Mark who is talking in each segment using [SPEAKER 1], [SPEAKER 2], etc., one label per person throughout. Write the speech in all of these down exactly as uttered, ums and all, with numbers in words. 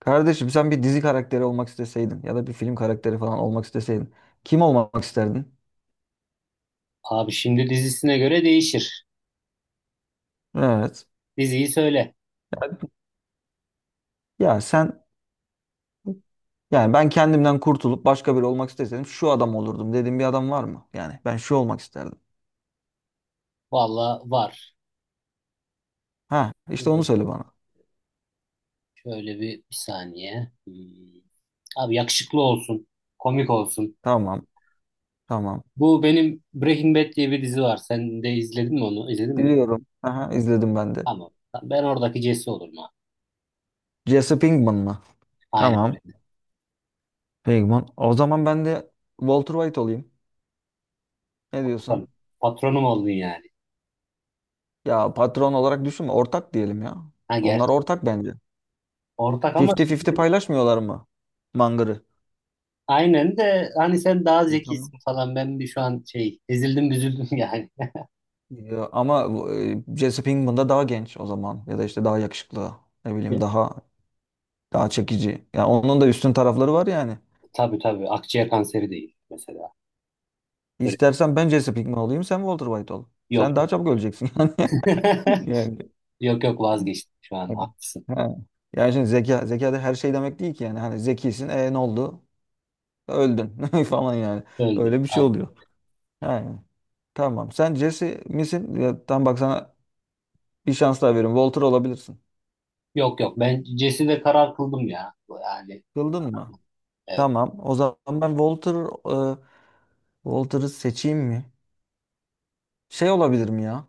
[SPEAKER 1] Kardeşim sen bir dizi karakteri olmak isteseydin ya da bir film karakteri falan olmak isteseydin kim olmak isterdin?
[SPEAKER 2] Abi şimdi dizisine göre değişir.
[SPEAKER 1] Evet.
[SPEAKER 2] Diziyi söyle.
[SPEAKER 1] Ya sen yani ben kendimden kurtulup başka biri olmak isteseydim şu adam olurdum dediğin bir adam var mı? Yani ben şu olmak isterdim.
[SPEAKER 2] Valla var.
[SPEAKER 1] Ha işte onu
[SPEAKER 2] Ee,
[SPEAKER 1] söyle bana.
[SPEAKER 2] Şöyle bir, bir saniye. Hmm. Abi yakışıklı olsun. Komik olsun.
[SPEAKER 1] Tamam. Tamam.
[SPEAKER 2] Bu benim Breaking Bad diye bir dizi var. Sen de izledin mi onu? İzledin mi?
[SPEAKER 1] Biliyorum. Aha izledim ben de.
[SPEAKER 2] Tamam. Tamam, ben oradaki Jesse olurum abi.
[SPEAKER 1] Jesse Pinkman mı?
[SPEAKER 2] Aynen
[SPEAKER 1] Tamam.
[SPEAKER 2] öyle.
[SPEAKER 1] Pinkman. O zaman ben de Walter White olayım. Ne diyorsun?
[SPEAKER 2] Patronum. Patronum oldun yani.
[SPEAKER 1] Ya patron olarak düşünme. Ortak diyelim ya.
[SPEAKER 2] Ha
[SPEAKER 1] Onlar
[SPEAKER 2] gerçi.
[SPEAKER 1] ortak bence.
[SPEAKER 2] Ortak ama
[SPEAKER 1] elli elli
[SPEAKER 2] şimdi-
[SPEAKER 1] paylaşmıyorlar mı? Mangır'ı.
[SPEAKER 2] aynen de hani sen daha
[SPEAKER 1] E, tamam.
[SPEAKER 2] zekisin falan. Ben bir şu an şey ezildim büzüldüm yani.
[SPEAKER 1] Ya, ama bu, e, Jesse Pinkman da daha genç o zaman. Ya da işte daha yakışıklı. Ne bileyim daha daha çekici. Yani onun da üstün tarafları var yani.
[SPEAKER 2] Tabii tabii. Akciğer kanseri değil mesela. Böyle
[SPEAKER 1] İstersen ben Jesse Pinkman olayım sen Walter White ol. Sen
[SPEAKER 2] yok.
[SPEAKER 1] daha çabuk öleceksin yani.
[SPEAKER 2] Yok yok vazgeçtim şu an
[SPEAKER 1] Yani.
[SPEAKER 2] haklısın.
[SPEAKER 1] Ha. Yani şimdi zeka, zeka da her şey demek değil ki yani. Hani zekisin e ne oldu? Öldün falan yani.
[SPEAKER 2] Öldü.
[SPEAKER 1] Öyle bir şey
[SPEAKER 2] Aynen.
[SPEAKER 1] oluyor. Yani. Tamam. Sen Jesse misin? Ya, tam bak sana bir şans daha veriyorum. Walter olabilirsin.
[SPEAKER 2] Yok yok ben Jesse'de karar kıldım ya. Yani
[SPEAKER 1] Kıldın mı?
[SPEAKER 2] evet
[SPEAKER 1] Tamam. O zaman ben Walter e, Walter'ı seçeyim mi? Şey olabilir mi ya?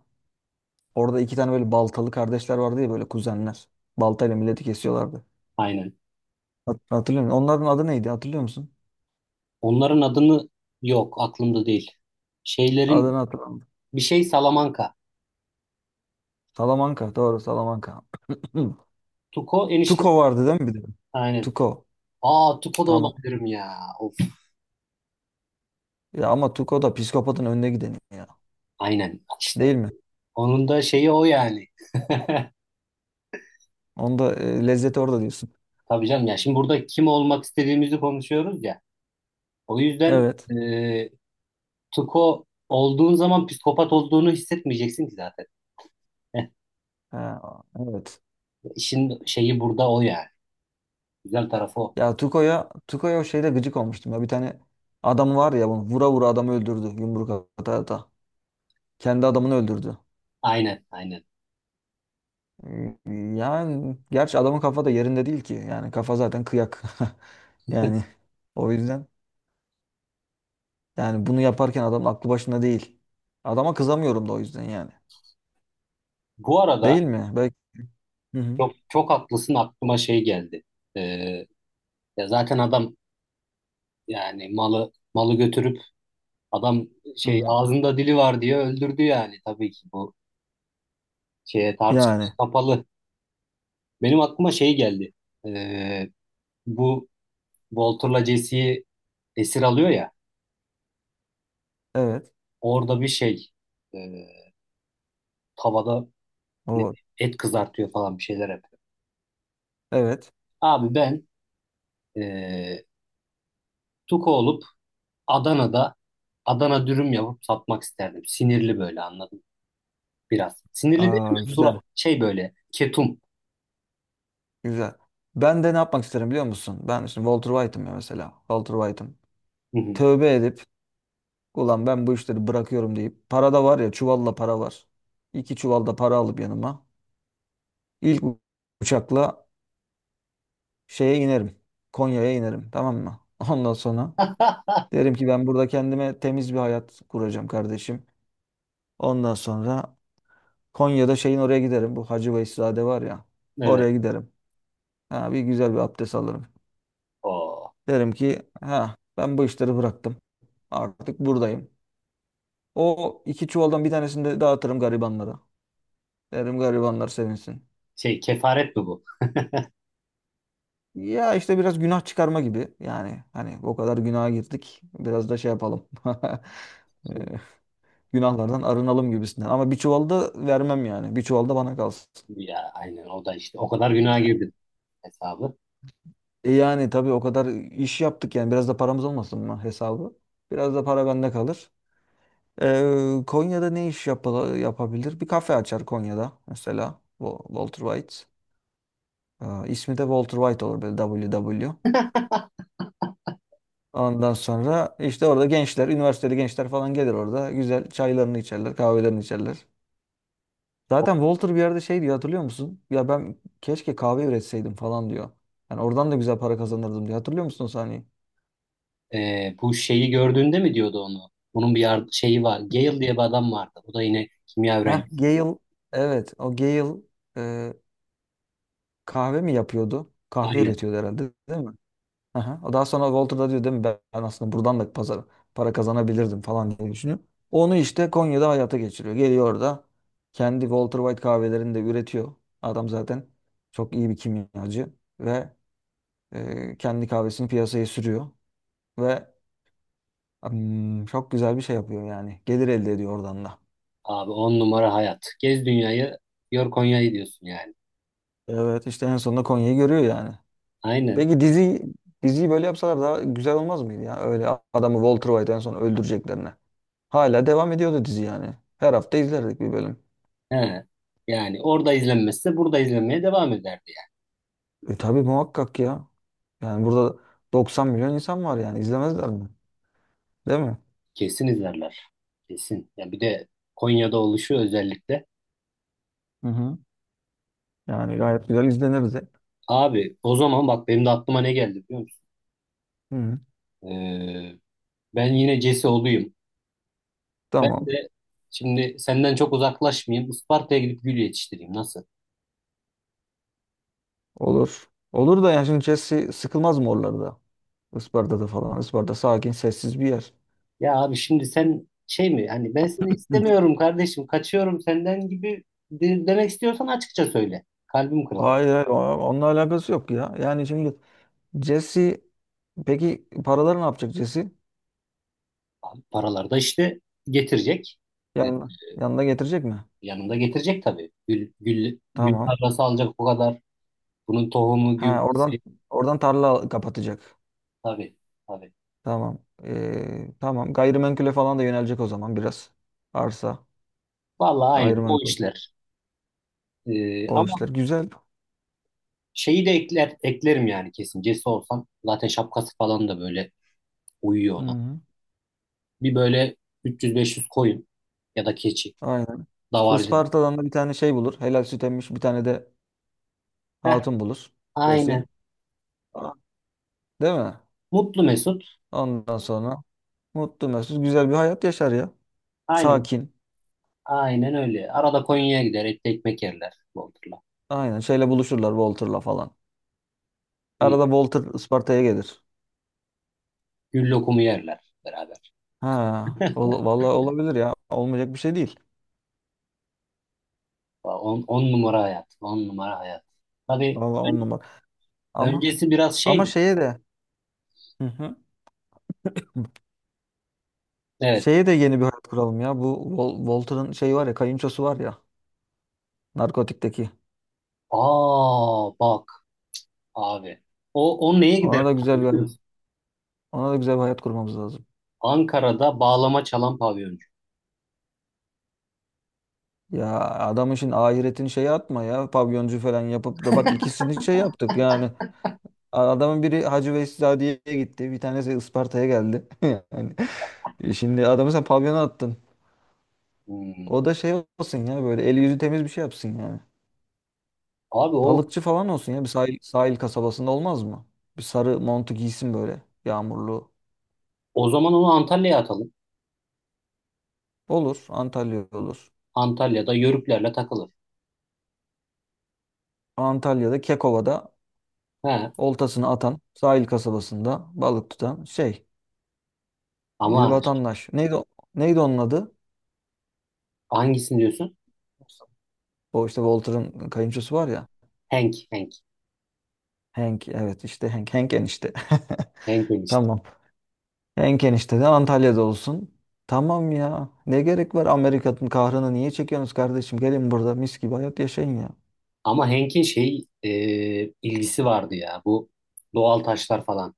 [SPEAKER 1] Orada iki tane böyle baltalı kardeşler vardı ya böyle kuzenler. Baltayla milleti kesiyorlardı.
[SPEAKER 2] aynen.
[SPEAKER 1] Hat- Hatırlıyor musun? Onların adı neydi? Hatırlıyor musun?
[SPEAKER 2] Onların adını yok aklımda değil. Şeylerin
[SPEAKER 1] Adını hatırlamıyorum.
[SPEAKER 2] bir şey Salamanca.
[SPEAKER 1] Salamanca. Doğru Salamanca.
[SPEAKER 2] Tuko enişte.
[SPEAKER 1] Tuko vardı değil mi bir de?
[SPEAKER 2] Aynen.
[SPEAKER 1] Tuko.
[SPEAKER 2] Aa Tuko da
[SPEAKER 1] Tamam.
[SPEAKER 2] olabilirim ya. Of.
[SPEAKER 1] Ya ama Tuko da psikopatın önüne gideni ya.
[SPEAKER 2] Aynen işte.
[SPEAKER 1] Değil mi?
[SPEAKER 2] Onun da şeyi o yani.
[SPEAKER 1] Onda e, lezzeti orada diyorsun.
[SPEAKER 2] Tabii canım ya şimdi burada kim olmak istediğimizi konuşuyoruz ya. O yüzden
[SPEAKER 1] Evet.
[SPEAKER 2] e, Tuko olduğun zaman psikopat olduğunu hissetmeyeceksin ki zaten.
[SPEAKER 1] Ha, evet.
[SPEAKER 2] İşin şeyi burada o yani. Güzel tarafı o.
[SPEAKER 1] Ya Tuko'ya Tuko'ya o şeyde gıcık olmuştum ya. Bir tane adam var ya bunu vura vura adamı öldürdü yumruk ata ata. Kendi adamını öldürdü.
[SPEAKER 2] Aynen, aynen.
[SPEAKER 1] Hmm, Yani gerçi adamın kafa da yerinde değil ki. Yani kafa zaten kıyak. Yani o yüzden yani bunu yaparken adam aklı başında değil. Adama kızamıyorum da o yüzden yani.
[SPEAKER 2] Bu
[SPEAKER 1] Değil
[SPEAKER 2] arada
[SPEAKER 1] mi? Belki. Hı hı.
[SPEAKER 2] çok çok haklısın aklıma şey geldi. Ee, Ya zaten adam yani malı malı götürüp adam
[SPEAKER 1] Hı
[SPEAKER 2] şey
[SPEAKER 1] hı.
[SPEAKER 2] ağzında dili var diye öldürdü yani tabii ki bu şeye tartışmaya
[SPEAKER 1] Yani
[SPEAKER 2] kapalı. Benim aklıma şey geldi. Ee, Bu Walter'la Jesse'yi esir alıyor ya
[SPEAKER 1] evet.
[SPEAKER 2] orada bir şey e, tavada
[SPEAKER 1] O
[SPEAKER 2] et kızartıyor falan bir şeyler yapıyor.
[SPEAKER 1] evet.
[SPEAKER 2] Abi ben e, Tuko olup Adana'da Adana dürüm yapıp satmak isterdim. Sinirli böyle anladım biraz. Sinirli değil
[SPEAKER 1] Aa,
[SPEAKER 2] mi? Surat
[SPEAKER 1] güzel.
[SPEAKER 2] şey böyle ketum.
[SPEAKER 1] Güzel. Ben de ne yapmak isterim biliyor musun? Ben işte Walter White'ım ya mesela. Walter White'ım.
[SPEAKER 2] Hı hı.
[SPEAKER 1] Tövbe edip ulan ben bu işleri bırakıyorum deyip para da var ya çuvalla para var. İki çuvalda para alıp yanıma ilk u- uçakla şeye inerim. Konya'ya inerim tamam mı? Ondan sonra derim ki ben burada kendime temiz bir hayat kuracağım kardeşim. Ondan sonra Konya'da şeyin oraya giderim. Bu Hacı Veyselzade var ya
[SPEAKER 2] Evet.
[SPEAKER 1] oraya giderim. Ha, bir güzel bir abdest alırım.
[SPEAKER 2] O
[SPEAKER 1] Derim ki ha ben bu işleri bıraktım. Artık buradayım. O iki çuvaldan bir tanesini de dağıtırım garibanlara. Derim garibanlar sevinsin.
[SPEAKER 2] şey kefaret mi bu?
[SPEAKER 1] Ya işte biraz günah çıkarma gibi. Yani hani o kadar günaha girdik. Biraz da şey yapalım. Ee, günahlardan arınalım gibisinden. Ama bir çuval da vermem yani. Bir çuval da bana kalsın.
[SPEAKER 2] Ya aynen o da işte o kadar günaha girdi hesabı.
[SPEAKER 1] E yani tabii o kadar iş yaptık yani. Biraz da paramız olmasın mı hesabı? Biraz da para bende kalır. Ee, Konya'da ne iş yap yapabilir? Bir kafe açar Konya'da mesela. Wa- Walter White. Ee, ismi de Walter White olur böyle duble ve duble ve. Ondan sonra işte orada gençler, üniversiteli gençler falan gelir orada. Güzel çaylarını içerler, kahvelerini içerler. Zaten Walter bir yerde şey diyor hatırlıyor musun? Ya ben keşke kahve üretseydim falan diyor. Yani oradan da güzel para kazanırdım diyor. Hatırlıyor musun o sahneyi?
[SPEAKER 2] Ee, bu şeyi gördüğünde mi diyordu onu? Bunun bir yar- şeyi var. Gale diye bir adam vardı. O da yine kimya
[SPEAKER 1] Heh,
[SPEAKER 2] öğrencisi.
[SPEAKER 1] Gale. Evet, o Gale e, kahve mi yapıyordu? Kahve
[SPEAKER 2] Aynen.
[SPEAKER 1] üretiyordu herhalde değil mi? Aha. O daha sonra Walter da diyor değil mi ben aslında buradan da pazar para kazanabilirdim falan diye düşünüyor. Onu işte Konya'da hayata geçiriyor. Geliyor orada kendi Walter White kahvelerini de üretiyor. Adam zaten çok iyi bir kimyacı ve e, kendi kahvesini piyasaya sürüyor ve hmm, çok güzel bir şey yapıyor yani. Gelir elde ediyor oradan da.
[SPEAKER 2] Abi on numara hayat. Gez dünyayı, gör Konya'yı diyorsun yani.
[SPEAKER 1] Evet işte en sonunda Konya'yı görüyor yani.
[SPEAKER 2] Aynen.
[SPEAKER 1] Peki dizi diziyi böyle yapsalar daha güzel olmaz mıydı ya? Öyle adamı Walter White en son öldüreceklerine. Hala devam ediyordu dizi yani. Her hafta izlerdik bir bölüm.
[SPEAKER 2] He. Yani orada izlenmezse burada izlenmeye devam eder.
[SPEAKER 1] E tabii muhakkak ya. Yani burada doksan milyon insan var yani izlemezler mi? Değil mi?
[SPEAKER 2] Kesin izlerler. Kesin. Ya bir de Konya'da oluşu özellikle.
[SPEAKER 1] Hı hı. Yani gayet güzel izlenirdi.
[SPEAKER 2] Abi o zaman bak benim de aklıma ne geldi biliyor musun?
[SPEAKER 1] Hı. Hı.
[SPEAKER 2] Ee, Ben yine Cesi olayım. Ben
[SPEAKER 1] Tamam.
[SPEAKER 2] de şimdi senden çok uzaklaşmayayım. Isparta'ya gidip gül yetiştireyim. Nasıl?
[SPEAKER 1] Olur. Olur da yani şimdi Chelsea sıkılmaz mı oralarda? Isparta'da falan. Isparta sakin, sessiz bir yer.
[SPEAKER 2] Ya abi şimdi sen şey mi? Hani ben seni
[SPEAKER 1] Hı.
[SPEAKER 2] istemiyorum kardeşim. Kaçıyorum senden gibi de- demek istiyorsan açıkça söyle. Kalbim kırılır.
[SPEAKER 1] Hayır, hayır, o- onunla alakası yok ya. Yani şimdi Jesse peki paraları ne yapacak Jesse?
[SPEAKER 2] Abi, paralar da işte getirecek. Ee,
[SPEAKER 1] Yanına, yanına getirecek mi?
[SPEAKER 2] Yanında getirecek tabii. Gül, gül, gül
[SPEAKER 1] Tamam.
[SPEAKER 2] parası alacak o kadar. Bunun tohumu,
[SPEAKER 1] Ha, oradan
[SPEAKER 2] gübresi,
[SPEAKER 1] oradan tarla kapatacak.
[SPEAKER 2] tabii, tabii.
[SPEAKER 1] Tamam. Ee, tamam. Gayrimenkule falan da yönelecek o zaman biraz. Arsa,
[SPEAKER 2] Vallahi aynen o
[SPEAKER 1] gayrimenkul,
[SPEAKER 2] işler. Ee,
[SPEAKER 1] o işler.
[SPEAKER 2] ama
[SPEAKER 1] Güzel.
[SPEAKER 2] şeyi de ekler, eklerim yani kesin. Cesi olsam zaten şapkası falan da böyle uyuyor
[SPEAKER 1] Hı
[SPEAKER 2] ona.
[SPEAKER 1] hı.
[SPEAKER 2] Bir böyle üç yüz beş yüz koyun ya da keçi,
[SPEAKER 1] Aynen.
[SPEAKER 2] davarcılık.
[SPEAKER 1] Isparta'dan da bir tane şey bulur. Helal süt emmiş bir tane de
[SPEAKER 2] Heh,
[SPEAKER 1] hatun bulur. Birisi.
[SPEAKER 2] aynen.
[SPEAKER 1] Aa, değil mi?
[SPEAKER 2] Mutlu Mesut.
[SPEAKER 1] Ondan sonra mutlu mesut güzel bir hayat yaşar ya.
[SPEAKER 2] Aynen.
[SPEAKER 1] Sakin.
[SPEAKER 2] Aynen öyle. Arada Konya'ya gider, etli ekmek yerler Bodrum'la.
[SPEAKER 1] Aynen. Şeyle buluşurlar Walter'la falan.
[SPEAKER 2] Mis.
[SPEAKER 1] Arada Walter Isparta'ya gelir.
[SPEAKER 2] Gül lokumu yerler beraber.
[SPEAKER 1] Ha, ol- vallahi olabilir ya. Olmayacak bir şey değil.
[SPEAKER 2] On, on numara hayat. On numara hayat. Tabii
[SPEAKER 1] Vallahi on
[SPEAKER 2] ön-
[SPEAKER 1] numara. Ama
[SPEAKER 2] öncesi biraz
[SPEAKER 1] ama
[SPEAKER 2] şeydi.
[SPEAKER 1] şeye de. Hı hı.
[SPEAKER 2] Evet.
[SPEAKER 1] Şeye de yeni bir hayat kuralım ya. Bu Wal- Walter'ın şeyi var ya, kayınçosu var ya, narkotikteki.
[SPEAKER 2] Aa bak. Abi. O, o neye gider
[SPEAKER 1] Ona da güzel
[SPEAKER 2] biliyor
[SPEAKER 1] bir
[SPEAKER 2] musun?
[SPEAKER 1] ona da güzel bir hayat kurmamız lazım.
[SPEAKER 2] Ankara'da bağlama çalan pavyoncu.
[SPEAKER 1] Ya adamın şimdi ahiretini şeye atma ya. Pavyoncu falan yapıp da bak ikisini şey yaptık yani. A- Adamın biri Hacı Veyseladiye'ye gitti. Bir tanesi Isparta'ya geldi. Yani e şimdi adamı sen pavyona attın.
[SPEAKER 2] Hmm.
[SPEAKER 1] O da şey olsun ya böyle eli yüzü temiz bir şey yapsın yani.
[SPEAKER 2] Abi o
[SPEAKER 1] Balıkçı falan olsun ya bir sahil, sahil kasabasında olmaz mı? Bir sarı montu giysin böyle. Yağmurlu.
[SPEAKER 2] o zaman onu Antalya'ya atalım.
[SPEAKER 1] Olur. Antalya olur.
[SPEAKER 2] Antalya'da yörüklerle takılır.
[SPEAKER 1] Antalya'da Kekova'da
[SPEAKER 2] He.
[SPEAKER 1] oltasını atan sahil kasabasında balık tutan şey bir
[SPEAKER 2] Ama
[SPEAKER 1] vatandaş. Neydi o- neydi onun adı?
[SPEAKER 2] hangisini diyorsun?
[SPEAKER 1] O işte Walter'ın kayınçosu var ya.
[SPEAKER 2] Henk, Henk.
[SPEAKER 1] Hank evet işte Hank. Hank enişte.
[SPEAKER 2] Henk enişte.
[SPEAKER 1] Tamam. Hank enişte de Antalya'da olsun. Tamam ya. Ne gerek var Amerika'nın kahrını niye çekiyorsunuz kardeşim? Gelin burada mis gibi hayat yaşayın ya.
[SPEAKER 2] Ama Henk'in şey e, ilgisi vardı ya. Bu doğal taşlar falan.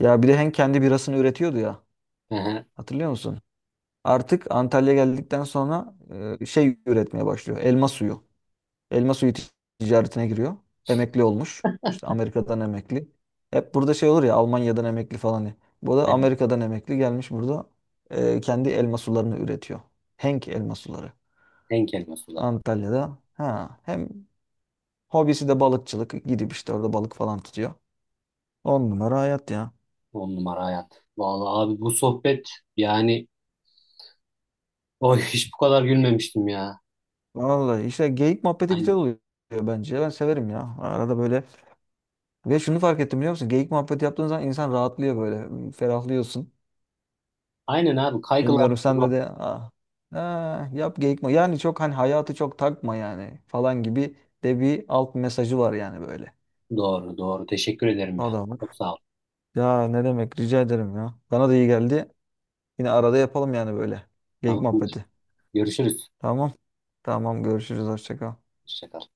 [SPEAKER 1] Ya bir de Hank kendi birasını üretiyordu ya.
[SPEAKER 2] Hı hı.
[SPEAKER 1] Hatırlıyor musun? Artık Antalya'ya geldikten sonra e, şey üretmeye başlıyor. Elma suyu. Elma suyu tic- ticaretine giriyor. Emekli olmuş. İşte Amerika'dan emekli. Hep burada şey olur ya Almanya'dan emekli falan ya. Bu da
[SPEAKER 2] Aynen.
[SPEAKER 1] Amerika'dan emekli gelmiş burada e, kendi elma sularını üretiyor. Henk elma suları.
[SPEAKER 2] Henk elma suları.
[SPEAKER 1] Antalya'da. Ha, hem hobisi de balıkçılık. Gidip işte orada balık falan tutuyor. On numara hayat ya.
[SPEAKER 2] On numara hayat. Vallahi abi bu sohbet yani oy hiç bu kadar gülmemiştim ya.
[SPEAKER 1] Vallahi işte geyik muhabbeti güzel
[SPEAKER 2] Aynen.
[SPEAKER 1] oluyor bence. Ben severim ya. Arada böyle Ve şunu fark ettim biliyor musun? Geyik muhabbeti yaptığın zaman insan rahatlıyor böyle. Ferahlıyorsun.
[SPEAKER 2] Aynen abi kaygılar.
[SPEAKER 1] Bilmiyorum sende de ah, ah, yap geyik muhabbeti. Yani çok hani hayatı çok takma yani falan gibi de bir alt mesajı var yani böyle.
[SPEAKER 2] Doğru, doğru. Teşekkür ederim ya.
[SPEAKER 1] Adamın.
[SPEAKER 2] Çok sağ ol.
[SPEAKER 1] Ya ne demek rica ederim ya. Bana da iyi geldi. Yine arada yapalım yani böyle. Geyik
[SPEAKER 2] Tamamdır.
[SPEAKER 1] muhabbeti.
[SPEAKER 2] Görüşürüz.
[SPEAKER 1] Tamam. Tamam görüşürüz. Hoşça kal.
[SPEAKER 2] Hoşça kal.